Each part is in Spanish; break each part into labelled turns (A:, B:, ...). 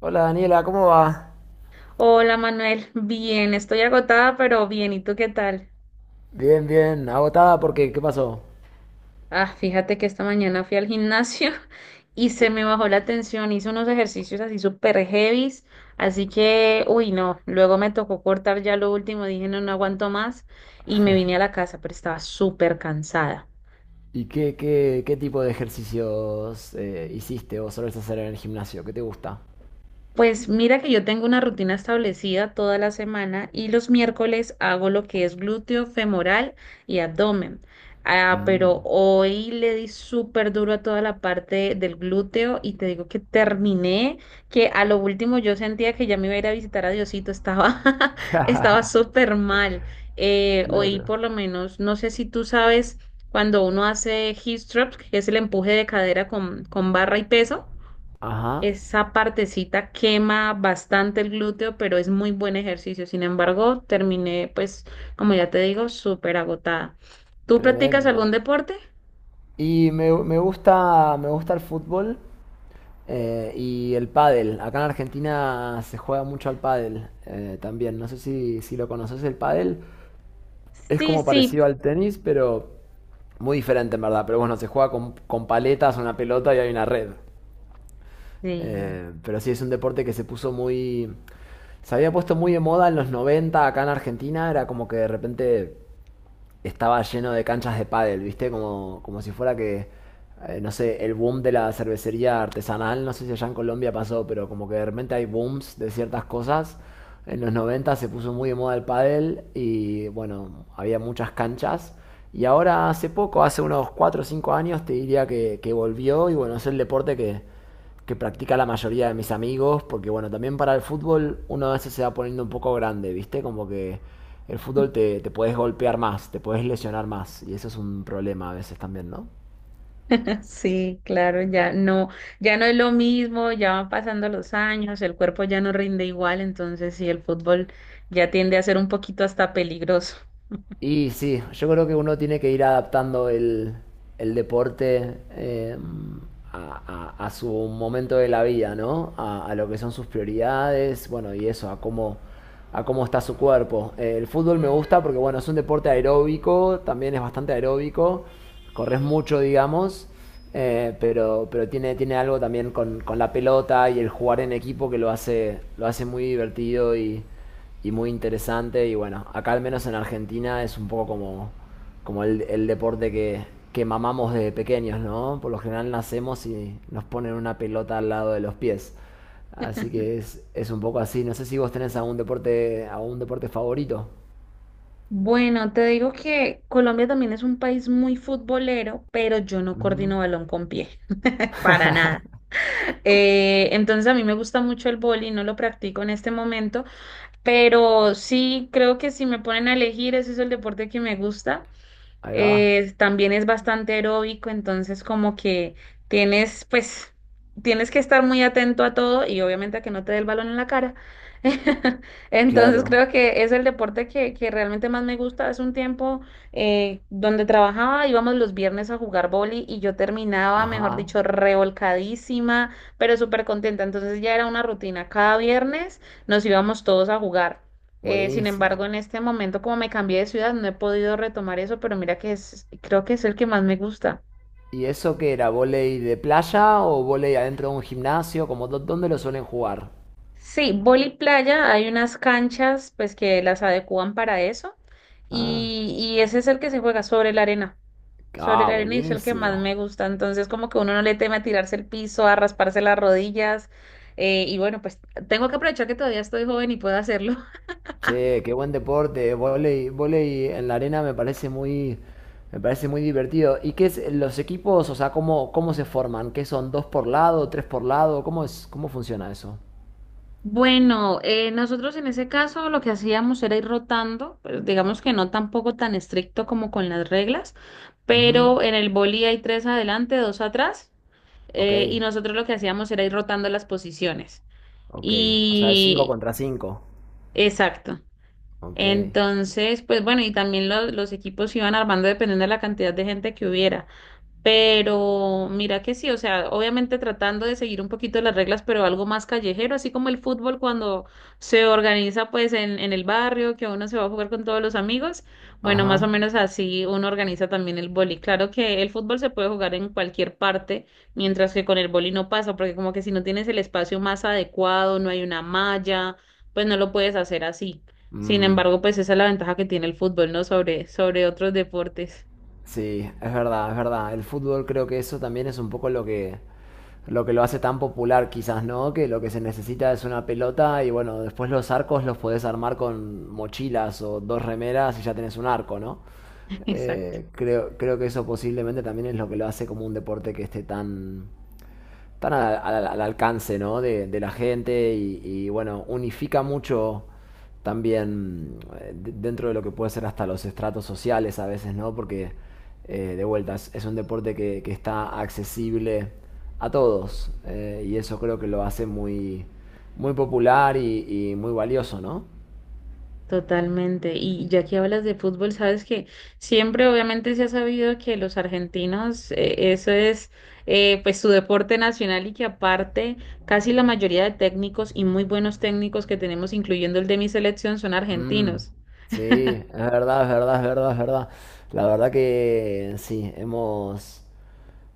A: Hola Daniela, ¿cómo va?
B: Hola Manuel, bien, estoy agotada, pero bien, ¿y tú qué tal?
A: Bien, bien, agotada porque ¿qué pasó?
B: Fíjate que esta mañana fui al gimnasio y se me bajó la tensión, hice unos ejercicios así súper heavies, así que, uy, no, luego me tocó cortar ya lo último, dije no, no aguanto más y me vine a la casa, pero estaba súper cansada.
A: ¿Y qué tipo de ejercicios hiciste o solés hacer en el gimnasio? ¿Qué te gusta?
B: Pues mira que yo tengo una rutina establecida toda la semana y los miércoles hago lo que es glúteo, femoral y abdomen. Pero
A: Mm.
B: hoy le di súper duro a toda la parte del glúteo y te digo que terminé, que a lo último yo sentía que ya me iba a ir a visitar a Diosito, estaba, estaba súper mal. Hoy
A: Claro.
B: por lo menos, no sé si tú sabes, cuando uno hace hip thrust, que es el empuje de cadera con barra y peso.
A: Ajá,
B: Esa partecita quema bastante el glúteo, pero es muy buen ejercicio. Sin embargo, terminé, pues, como ya te digo, súper agotada. ¿Tú practicas algún
A: tremendo.
B: deporte?
A: Y me gusta, me gusta el fútbol y el pádel. Acá en Argentina se juega mucho al pádel también. No sé si lo conoces el pádel. Es
B: Sí,
A: como
B: sí.
A: parecido al tenis, pero muy diferente en verdad. Pero bueno, se juega con paletas, una pelota y hay una red.
B: Sí.
A: Pero sí, es un deporte que se puso muy. Se había puesto muy de moda en los 90 acá en Argentina. Era como que de repente estaba lleno de canchas de pádel, ¿viste? Como si fuera que, no sé, el boom de la cervecería artesanal, no sé si allá en Colombia pasó, pero como que de repente hay booms de ciertas cosas. En los 90 se puso muy de moda el pádel y bueno, había muchas canchas. Y ahora hace poco, hace unos 4 o 5 años, te diría que volvió y bueno, es el deporte que practica la mayoría de mis amigos, porque bueno, también para el fútbol uno a veces se va poniendo un poco grande, ¿viste? Como que el fútbol te puedes golpear más, te puedes lesionar más, y eso es un problema a veces también, ¿no?
B: Sí, claro, ya no, ya no es lo mismo, ya van pasando los años, el cuerpo ya no rinde igual, entonces sí, el fútbol ya tiende a ser un poquito hasta peligroso.
A: Y sí, yo creo que uno tiene que ir adaptando el deporte a su momento de la vida, ¿no? A lo que son sus prioridades, bueno, y eso, a cómo está su cuerpo. El fútbol me gusta porque, bueno, es un deporte aeróbico, también es bastante aeróbico, corres mucho, digamos, pero tiene algo también con la pelota y el jugar en equipo que lo hace muy divertido y muy interesante. Y bueno, acá al menos en Argentina es un poco como el deporte que mamamos desde pequeños, ¿no? Por lo general nacemos y nos ponen una pelota al lado de los pies. Así que es un poco así. No sé si vos tenés algún deporte favorito.
B: Bueno, te digo que Colombia también es un país muy futbolero, pero yo no
A: Ujú.
B: coordino balón con pie, para nada. Entonces a mí me gusta mucho el boli, no lo practico en este momento, pero sí creo que si me ponen a elegir, ese es el deporte que me gusta
A: Ahí va.
B: también es bastante aeróbico, entonces como que tienes, pues, tienes que estar muy atento a todo y obviamente a que no te dé el balón en la cara. Entonces
A: Claro.
B: creo que es el deporte que realmente más me gusta. Hace un tiempo donde trabajaba íbamos los viernes a jugar boli y yo terminaba, mejor
A: Ajá.
B: dicho, revolcadísima, pero súper contenta. Entonces ya era una rutina. Cada viernes nos íbamos todos a jugar. Sin embargo,
A: Buenísimo.
B: en este momento, como me cambié de ciudad, no he podido retomar eso, pero mira que es, creo que es el que más me gusta.
A: ¿Y eso qué era? ¿Voley de playa o voley adentro de un gimnasio? Como, ¿dónde lo suelen jugar?
B: Sí, vóley playa, hay unas canchas pues que las adecúan para eso
A: Ah,
B: y ese es el que se juega sobre
A: ah,
B: la arena y es el que más
A: buenísimo.
B: me gusta. Entonces, como que uno no le teme a tirarse el piso, a rasparse las rodillas y bueno, pues tengo que aprovechar que todavía estoy joven y puedo hacerlo.
A: Che, qué buen deporte, volei, volei en la arena me parece muy divertido. ¿Y qué es los equipos? O sea, ¿cómo se forman? ¿Qué son? ¿Dos por lado? ¿Tres por lado? Cómo funciona eso?
B: Bueno, nosotros en ese caso lo que hacíamos era ir rotando, pero digamos que no tampoco tan estricto como con las reglas,
A: Ujú.
B: pero en el boli hay tres adelante, dos atrás,
A: Ok,
B: y nosotros lo que hacíamos era ir rotando las posiciones.
A: ok. O sea, es cinco
B: Y
A: contra cinco.
B: exacto.
A: Ok.
B: Entonces, pues bueno, y también lo- los equipos se iban armando dependiendo de la cantidad de gente que hubiera. Pero mira que sí, o sea, obviamente tratando de seguir un poquito las reglas, pero algo más callejero, así como el fútbol cuando se organiza pues en el barrio, que uno se va a jugar con todos los amigos, bueno, más o
A: Ajá.
B: menos así uno organiza también el boli. Claro que el fútbol se puede jugar en cualquier parte, mientras que con el boli no pasa, porque como que si no tienes el espacio más adecuado, no hay una malla, pues no lo puedes hacer así. Sin
A: Mm.
B: embargo, pues esa es la ventaja que tiene el fútbol, ¿no? Sobre, sobre otros deportes.
A: Sí, es verdad, es verdad. El fútbol creo que eso también es un poco lo que lo hace tan popular quizás, ¿no? Que lo que se necesita es una pelota y bueno, después los arcos los podés armar con mochilas o dos remeras y ya tenés un arco, ¿no?
B: Exacto.
A: Creo que eso posiblemente también es lo que lo hace como un deporte que están al alcance ¿no? de la gente y, bueno, unifica mucho también dentro de lo que puede ser hasta los estratos sociales a veces, ¿no? Porque de vuelta es un deporte que está accesible a todos y eso creo que lo hace muy, muy popular y muy valioso, ¿no?
B: Totalmente. Y ya que hablas de fútbol, sabes que siempre obviamente se ha sabido que los argentinos, eso es pues su deporte nacional y que aparte casi la mayoría de técnicos y muy buenos técnicos que tenemos, incluyendo el de mi selección, son
A: Mm,
B: argentinos.
A: sí, es verdad, es verdad, es verdad, es verdad. La verdad que sí, hemos.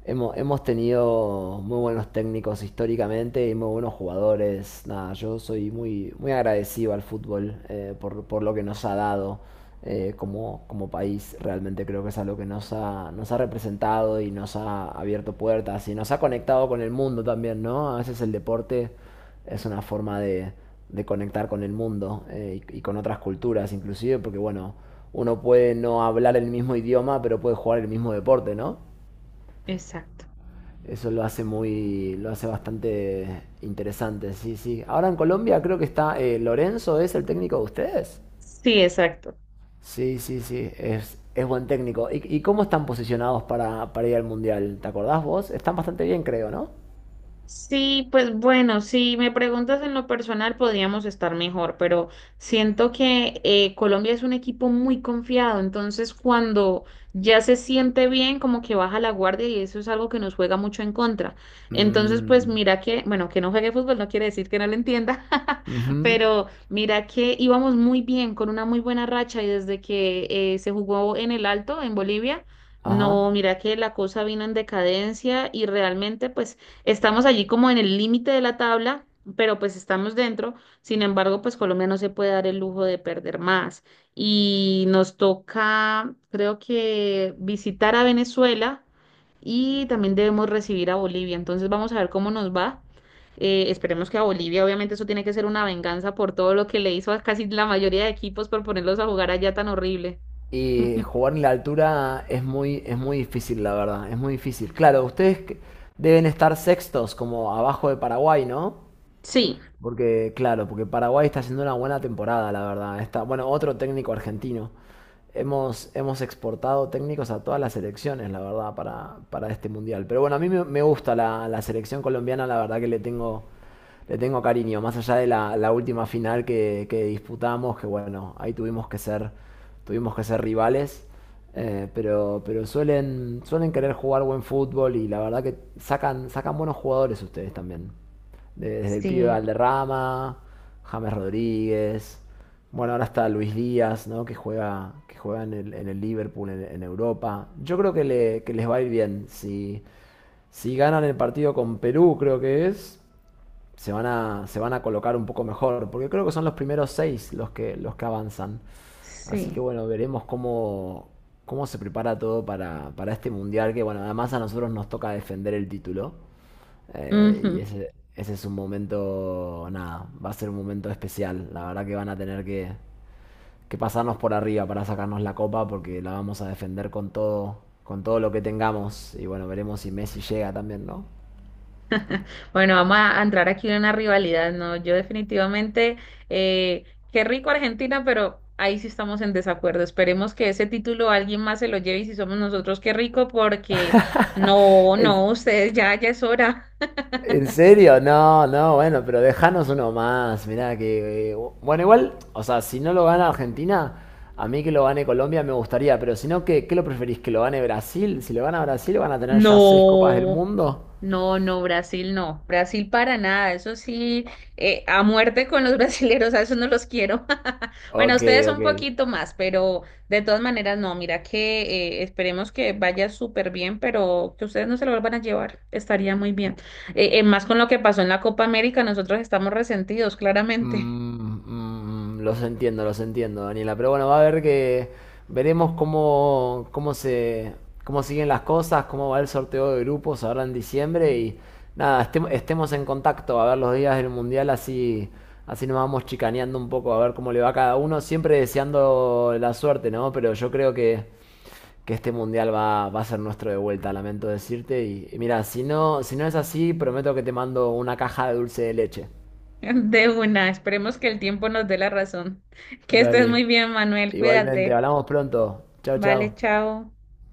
A: Hemos tenido muy buenos técnicos históricamente y muy buenos jugadores. Nada, yo soy muy, muy agradecido al fútbol por lo que nos ha dado como país. Realmente creo que es algo que nos ha representado y nos ha abierto puertas y nos ha conectado con el mundo también, ¿no? A veces el deporte es una forma de conectar con el mundo y con otras culturas inclusive, porque bueno, uno puede no hablar el mismo idioma, pero puede jugar el mismo deporte, ¿no?
B: Exacto.
A: Eso lo hace bastante interesante, sí, sí. Ahora en Colombia creo que está Lorenzo, ¿es el técnico de ustedes?
B: Sí, exacto.
A: Sí, sí, sí, es buen técnico. ¿Y cómo están posicionados para ir al Mundial? ¿Te acordás vos? Están bastante bien, creo, ¿no?
B: Sí, pues bueno, si me preguntas en lo personal, podríamos estar mejor, pero siento que Colombia es un equipo muy confiado, entonces cuando ya se siente bien, como que baja la guardia y eso es algo que nos juega mucho en contra. Entonces, pues
A: Mm,
B: mira que, bueno, que no juegue fútbol no quiere decir que no lo entienda,
A: ujú.
B: pero mira que íbamos muy bien, con una muy buena racha y desde que se jugó en el Alto, en Bolivia.
A: Ajá.
B: No, mira que la cosa vino en decadencia y realmente pues estamos allí como en el límite de la tabla, pero pues estamos dentro. Sin embargo, pues Colombia no se puede dar el lujo de perder más. Y nos toca, creo que, visitar a Venezuela y también debemos recibir a Bolivia. Entonces vamos a ver cómo nos va. Esperemos que a Bolivia, obviamente eso tiene que ser una venganza por todo lo que le hizo a casi la mayoría de equipos por ponerlos a jugar allá tan horrible.
A: Y jugar en la altura es muy difícil, la verdad, es muy difícil. Claro, ustedes deben estar sextos, como abajo de Paraguay, ¿no?
B: Sí,
A: Porque, claro, porque Paraguay está haciendo una buena temporada, la verdad. Está, bueno, otro técnico argentino. Hemos exportado técnicos a todas las selecciones, la verdad, para este mundial. Pero bueno, a mí me gusta la selección colombiana, la verdad que le tengo cariño. Más allá de la última final que disputamos, que bueno, ahí tuvimos que ser rivales. Pero suelen querer jugar buen fútbol y la verdad que sacan buenos jugadores ustedes también desde el pibe
B: sí,
A: Valderrama, James Rodríguez, bueno, ahora está Luis Díaz, ¿no? Que juega en el Liverpool, en Europa. Yo creo que les va a ir bien. Si, si ganan el partido con Perú, creo que se van a colocar un poco mejor, porque creo que son los primeros seis los que avanzan. Así que
B: sí.
A: bueno, veremos cómo se prepara todo para este mundial, que bueno, además a nosotros nos toca defender el título. Y
B: Ujú.
A: ese es un momento, nada, va a ser un momento especial. La verdad que van a tener que pasarnos por arriba para sacarnos la copa, porque la vamos a defender con todo lo que tengamos. Y bueno, veremos si Messi llega también, ¿no?
B: Bueno, vamos a entrar aquí en una rivalidad, ¿no? Yo definitivamente, eh, qué rico Argentina, pero ahí sí estamos en desacuerdo. Esperemos que ese título alguien más se lo lleve y si somos nosotros, qué rico, porque no, no,
A: El,
B: ustedes ya, ya es hora.
A: ¿En serio? No, no, bueno, pero dejanos uno más. Mirá que. Bueno, igual, o sea, si no lo gana Argentina, a mí que lo gane Colombia me gustaría, pero si no, ¿qué lo preferís? ¿Que lo gane Brasil? Si lo gana Brasil, van a tener ya seis copas del
B: No,
A: mundo.
B: no, no, Brasil no, Brasil para nada, eso sí, a muerte con los brasileros, a eso no los quiero. Bueno,
A: Ok,
B: ustedes un
A: ok.
B: poquito más, pero de todas maneras no, mira que esperemos que vaya súper bien, pero que ustedes no se lo vuelvan a llevar, estaría muy bien. Más con lo que pasó en la Copa América, nosotros estamos resentidos,
A: Mm,
B: claramente,
A: mm, mm, los entiendo, Daniela. Pero bueno, va a haber que. Veremos cómo siguen las cosas, cómo va el sorteo de grupos ahora en diciembre. Y nada, estemos en contacto a ver los días del mundial, así nos vamos chicaneando un poco, a ver cómo le va a cada uno. Siempre deseando la suerte, ¿no? Pero yo creo que este mundial va a ser nuestro de vuelta, lamento decirte. Y mira, si no es así, prometo que te mando una caja de dulce de leche.
B: de una, esperemos que el tiempo nos dé la razón. Que estés
A: Dale.
B: muy bien, Manuel,
A: Igualmente,
B: cuídate.
A: hablamos pronto. Chao, chao.
B: Vale, chao.